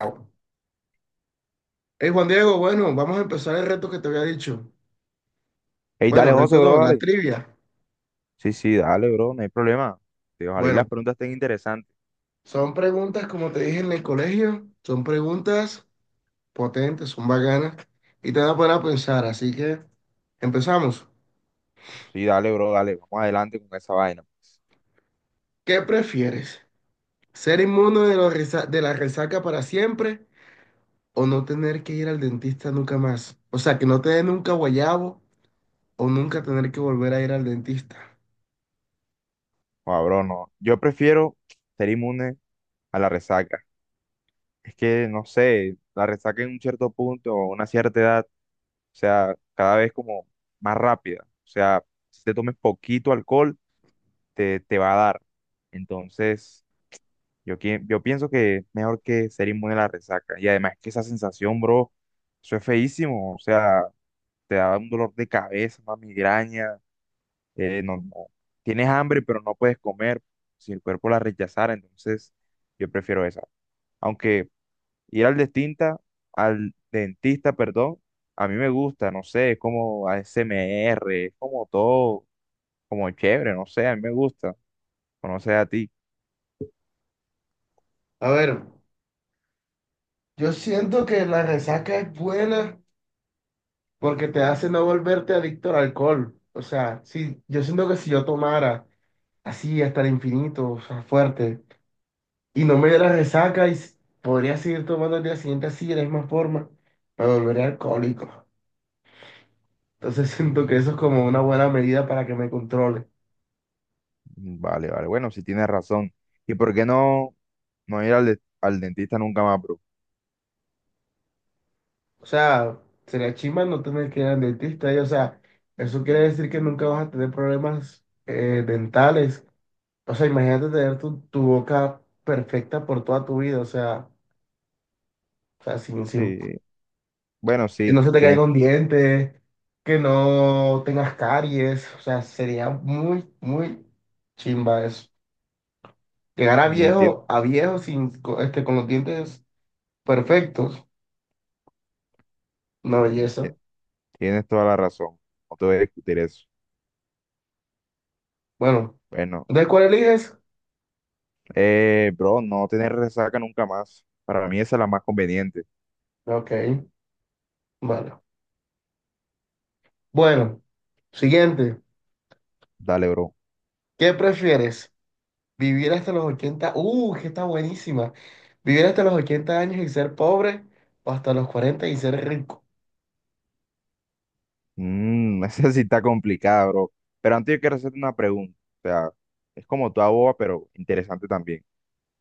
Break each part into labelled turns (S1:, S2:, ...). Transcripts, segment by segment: S1: Hey Juan Diego, bueno, vamos a empezar el reto que te había dicho.
S2: Ey,
S1: Bueno,
S2: dale, José,
S1: reto
S2: bro,
S1: no, la
S2: dale.
S1: trivia.
S2: Sí, sí, dale, bro, no hay problema. Sí, ojalá y
S1: Bueno,
S2: las preguntas estén interesantes.
S1: son preguntas, como te dije en el colegio, son preguntas potentes, son bacanas y te van a poner a pensar. Así que empezamos.
S2: Sí, dale, bro, dale, vamos adelante con esa vaina.
S1: ¿Qué prefieres? ¿Ser inmune de la resaca para siempre o no tener que ir al dentista nunca más? O sea, que no te dé nunca guayabo o nunca tener que volver a ir al dentista.
S2: Joda, bro, no. Yo prefiero ser inmune a la resaca. Es que, no sé, la resaca en un cierto punto o una cierta edad, o sea, cada vez como más rápida. O sea, si te tomes poquito alcohol, te va a dar. Entonces, yo, yo pienso que mejor que ser inmune a la resaca. Y además que esa sensación, bro, eso es feísimo. O sea, te da un dolor de cabeza, una migraña, no, tienes hambre pero no puedes comer, si el cuerpo la rechazara, entonces yo prefiero esa. Aunque ir al dentista, perdón, a mí me gusta, no sé, es como a ASMR, es como todo, como chévere, no sé, a mí me gusta, o no sé a ti.
S1: A ver, yo siento que la resaca es buena porque te hace no volverte adicto al alcohol. O sea, si yo siento que si yo tomara así hasta el infinito, o sea, fuerte, y no me diera resaca, podría seguir tomando el día siguiente así, de la misma forma, me volvería alcohólico. Entonces siento que eso es como una buena medida para que me controle.
S2: Vale, vale, bueno, si tienes razón. ¿Y por qué no ir al, al dentista nunca más, bro?
S1: O sea, sería chimba no tener que ir al dentista, y, o sea, eso quiere decir que nunca vas a tener problemas dentales. O sea, imagínate tener tu boca perfecta por toda tu vida, o sea, sin
S2: Sí, bueno,
S1: que
S2: sí,
S1: no se te caiga
S2: tienes,
S1: un diente, que no tengas caries, o sea, sería muy, muy chimba eso. Llegar
S2: entiendo.
S1: a viejo sin, co- este, con los dientes perfectos, una
S2: Bueno,
S1: belleza.
S2: tienes toda la razón. No te voy a discutir eso.
S1: Bueno,
S2: Bueno,
S1: ¿de cuál eliges?
S2: bro, no tener resaca nunca más. Para mí esa es la más conveniente.
S1: Ok, vale. Bueno, siguiente.
S2: Dale, bro.
S1: ¿Qué prefieres? ¿Vivir hasta los 80? Que está buenísima. ¿Vivir hasta los 80 años y ser pobre o hasta los 40 y ser rico?
S2: Esa sí está complicada, bro. Pero antes yo quiero hacerte una pregunta. O sea, es como toda boba, pero interesante también.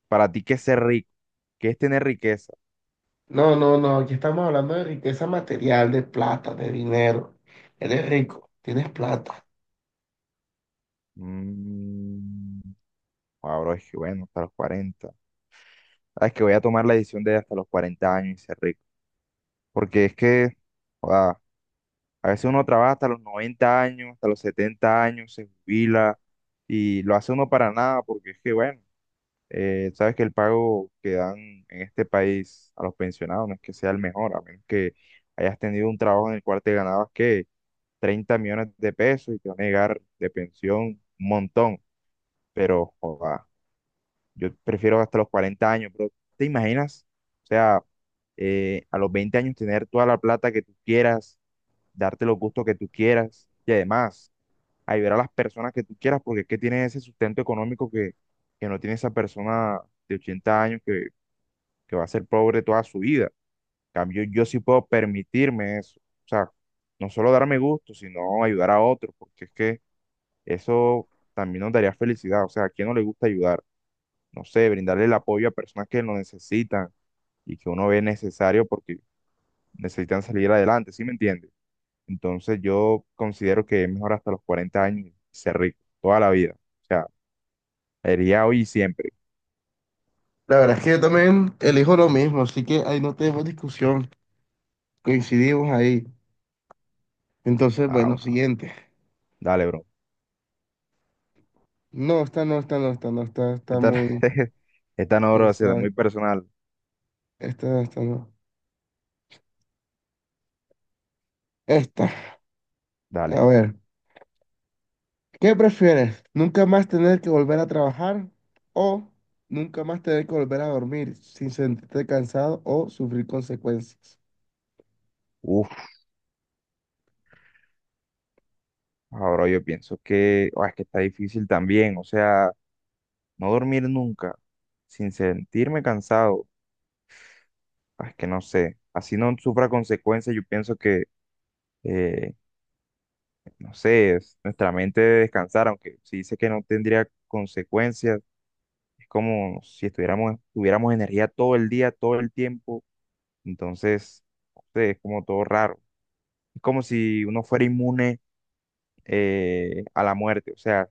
S2: Para ti, ¿qué es ser rico? ¿Qué es tener riqueza?
S1: No, no, no, aquí estamos hablando de riqueza material, de plata, de dinero. Eres rico, tienes plata.
S2: Mm, bro, es que bueno, hasta los 40. Ah, es que voy a tomar la decisión de hasta los 40 años y ser rico. Porque es que, joda, a veces uno trabaja hasta los 90 años, hasta los 70 años, se jubila y lo hace uno para nada porque es que, bueno, sabes que el pago que dan en este país a los pensionados no es que sea el mejor, a menos que hayas tenido un trabajo en el cual te ganabas que 30 millones de pesos y te van a llegar de pensión un montón, pero joda, yo prefiero hasta los 40 años, pero ¿te imaginas? O sea, a los 20 años tener toda la plata que tú quieras darte los gustos que tú quieras y además ayudar a las personas que tú quieras porque es que tienes ese sustento económico que no tiene esa persona de 80 años que va a ser pobre toda su vida. En cambio, yo sí puedo permitirme eso. O sea, no solo darme gusto, sino ayudar a otros, porque es que eso también nos daría felicidad. O sea, ¿a quién no le gusta ayudar? No sé, brindarle el apoyo a personas que lo necesitan y que uno ve necesario porque necesitan salir adelante, ¿sí me entiendes? Entonces yo considero que es mejor hasta los 40 años ser rico, toda la vida. O sea, sería hoy y siempre.
S1: La verdad es que yo también elijo lo mismo, así que ahí no tenemos discusión, coincidimos ahí. Entonces,
S2: Ah,
S1: bueno,
S2: bueno,
S1: siguiente.
S2: dale, bro.
S1: No, esta no, esta no, esta no, esta está
S2: Esta,
S1: muy,
S2: esta no,
S1: muy
S2: bro, se da
S1: suave.
S2: muy personal.
S1: Esta no, esta no. Esta, a
S2: Dale.
S1: ver, ¿qué prefieres? ¿Nunca más tener que volver a trabajar o nunca más tener que volver a dormir sin sentirte cansado o sufrir consecuencias?
S2: Uf, ahora yo pienso que es que está difícil también. O sea, no dormir nunca sin sentirme cansado. Ah, es que no sé. Así no sufra consecuencias. Yo pienso que, eh, no sé, es nuestra mente debe descansar, aunque si dice que no tendría consecuencias. Es como si estuviéramos, tuviéramos energía todo el día, todo el tiempo. Entonces, no sé, es como todo raro. Es como si uno fuera inmune a la muerte, o sea,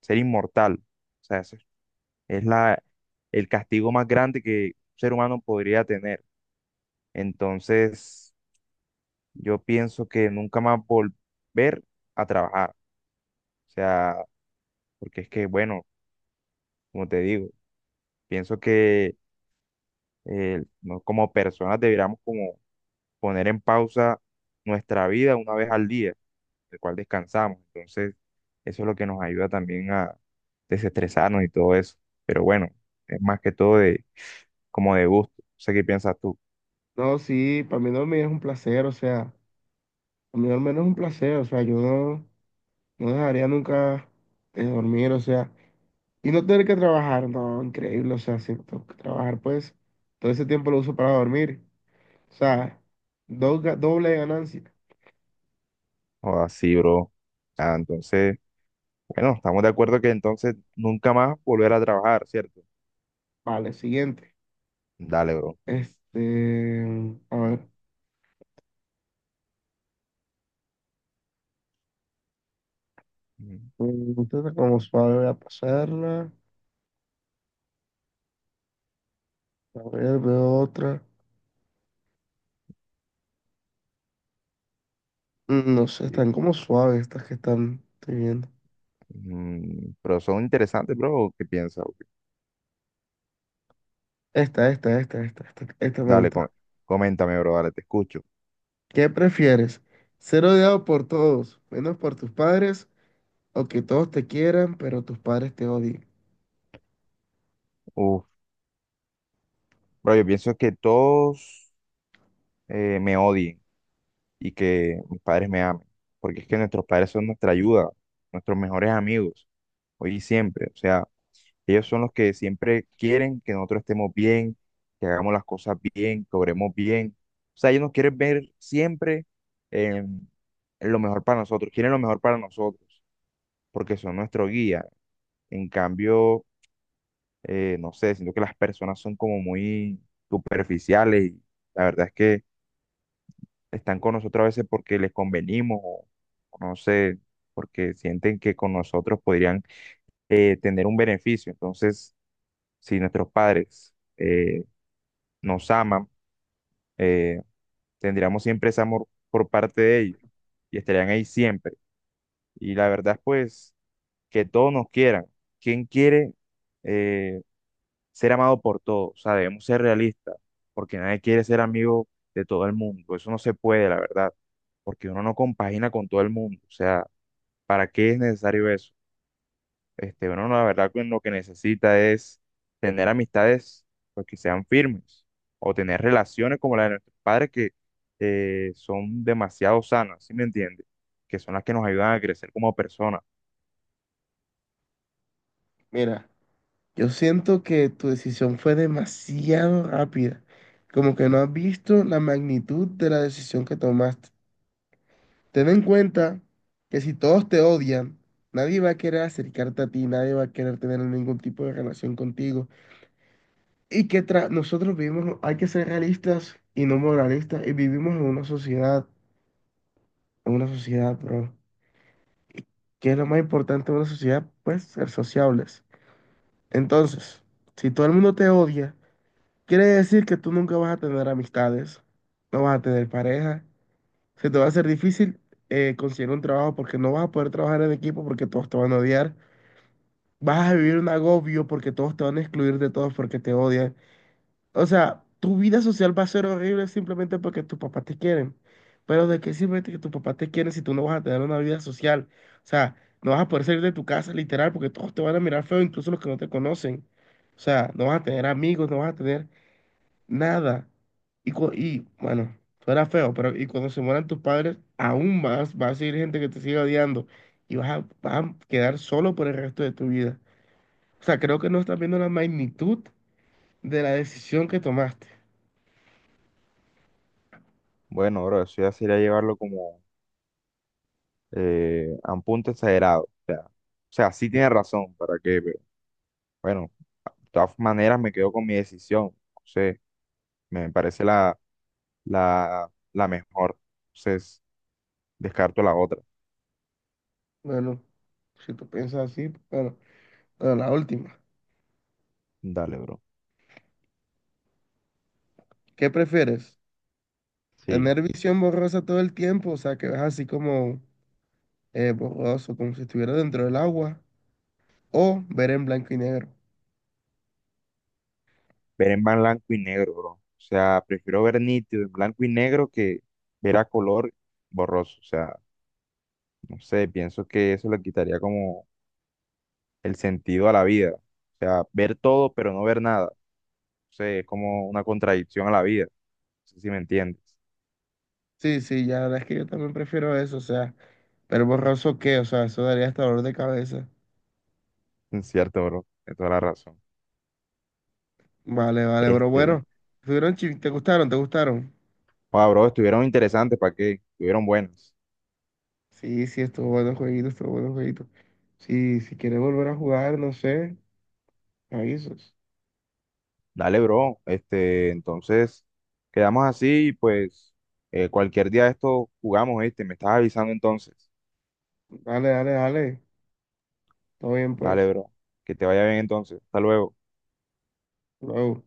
S2: ser inmortal. O sea, eso es el castigo más grande que un ser humano podría tener. Entonces, yo pienso que nunca más volver a trabajar. O sea, porque es que, bueno, como te digo, pienso que como personas deberíamos como poner en pausa nuestra vida una vez al día, el cual descansamos. Entonces, eso es lo que nos ayuda también a desestresarnos y todo eso. Pero bueno, es más que todo de como de gusto. No sé qué piensas tú.
S1: No, sí, para mí dormir es un placer, o sea, para mí dormir es un placer, o sea, yo no, no dejaría nunca de dormir, o sea, y no tener que trabajar, no, increíble, o sea, si tengo que trabajar, pues, todo ese tiempo lo uso para dormir, o sea, doble ganancia.
S2: O así, bro. Ah, entonces, bueno, estamos de acuerdo que entonces nunca más volver a trabajar, ¿cierto?
S1: Vale, siguiente.
S2: Dale, bro.
S1: Este, a ver,
S2: Mm,
S1: mm, como suave voy a pasarla, a ver, veo otra. No sé,
S2: sí.
S1: están como suaves estas que estoy viendo.
S2: Mm, pero son interesantes, bro. ¿O qué piensas? ¿O qué?
S1: Esta me
S2: Dale,
S1: gusta.
S2: coméntame, bro. Dale, te escucho.
S1: ¿Qué prefieres? ¿Ser odiado por todos, menos por tus padres, o que todos te quieran, pero tus padres te odien?
S2: Uf, bro, yo pienso que todos. Me odien y que mis padres me amen, porque es que nuestros padres son nuestra ayuda, nuestros mejores amigos, hoy y siempre. O sea, ellos son los que siempre quieren que nosotros estemos bien, que hagamos las cosas bien, que obremos bien. O sea, ellos nos quieren ver siempre en en lo mejor para nosotros, quieren lo mejor para nosotros, porque son nuestro guía. En cambio, no sé, siento que las personas son como muy superficiales y la verdad es que están con nosotros a veces porque les convenimos o no sé, porque sienten que con nosotros podrían tener un beneficio. Entonces, si nuestros padres nos aman, eh, tendríamos siempre ese amor por parte de ellos y estarían ahí siempre. Y la verdad, pues, que todos nos quieran. ¿Quién quiere eh, ser amado por todos? O sea, debemos ser realistas, porque nadie quiere ser amigo de todo el mundo. Eso no se puede, la verdad, porque uno no compagina con todo el mundo. O sea, ¿para qué es necesario eso? Este, bueno, la verdad que lo que necesita es tener amistades pues, que sean firmes o tener relaciones como la de nuestros padres que son demasiado sanas, ¿sí me entiendes? Que son las que nos ayudan a crecer como personas.
S1: Mira, yo siento que tu decisión fue demasiado rápida, como que no has visto la magnitud de la decisión que tomaste. Ten en cuenta que si todos te odian, nadie va a querer acercarte a ti, nadie va a querer tener ningún tipo de relación contigo. Y nosotros vivimos, hay que ser realistas y no moralistas, y vivimos en una sociedad, bro, que es lo más importante de una sociedad, pues ser sociables. Entonces, si todo el mundo te odia, quiere decir que tú nunca vas a tener amistades, no vas a tener pareja, se te va a hacer difícil conseguir un trabajo porque no vas a poder trabajar en equipo porque todos te van a odiar, vas a vivir un agobio porque todos te van a excluir de todos porque te odian. O sea, tu vida social va a ser horrible simplemente porque tus papás te quieren. Pero ¿de qué sirve que tus papás te quieren si tú no vas a tener una vida social? O sea, no vas a poder salir de tu casa literal porque todos te van a mirar feo, incluso los que no te conocen. O sea, no vas a tener amigos, no vas a tener nada. Y bueno, suena feo, pero y cuando se mueran tus padres, aún más va a seguir gente que te siga odiando y vas a quedar solo por el resto de tu vida. O sea, creo que no estás viendo la magnitud de la decisión que tomaste.
S2: Bueno, bro, eso ya sería llevarlo como a un punto exagerado. O sea, sí tiene razón, ¿para qué? Pero bueno, de todas maneras me quedo con mi decisión. O sea, me parece la mejor. Entonces, descarto la otra.
S1: Bueno. Si tú piensas así, bueno, la última.
S2: Dale, bro.
S1: ¿Qué prefieres?
S2: Sí.
S1: ¿Tener visión borrosa todo el tiempo? O sea, que ves así como borroso, como si estuviera dentro del agua. O ver en blanco y negro.
S2: Ver en blanco y negro, bro. O sea, prefiero ver nítido en blanco y negro que ver a color borroso. O sea, no sé, pienso que eso le quitaría como el sentido a la vida. O sea, ver todo pero no ver nada. O sea, es como una contradicción a la vida. No sé si me entiendes.
S1: Sí, sí, ya la verdad es que yo también prefiero eso. O sea, pero ¿borroso qué? O sea, eso daría hasta dolor de cabeza.
S2: Es cierto, bro. De toda la razón.
S1: Vale, vale, pero
S2: Este.
S1: bueno. ¿Te gustaron? ¿Te gustaron?
S2: Wow, bro, estuvieron interesantes, ¿para qué? Estuvieron buenas.
S1: Sí, sí, estuvo bueno el jueguito, estuvo bueno el jueguito. Sí, si quieres volver a jugar, no sé, me avisas.
S2: Dale, bro. Este, entonces, quedamos así y pues cualquier día de esto jugamos, este, me estás avisando entonces.
S1: Dale, dale, dale. Todo bien,
S2: Dale,
S1: pues.
S2: bro. Que te vaya bien entonces. Hasta luego.
S1: Luego.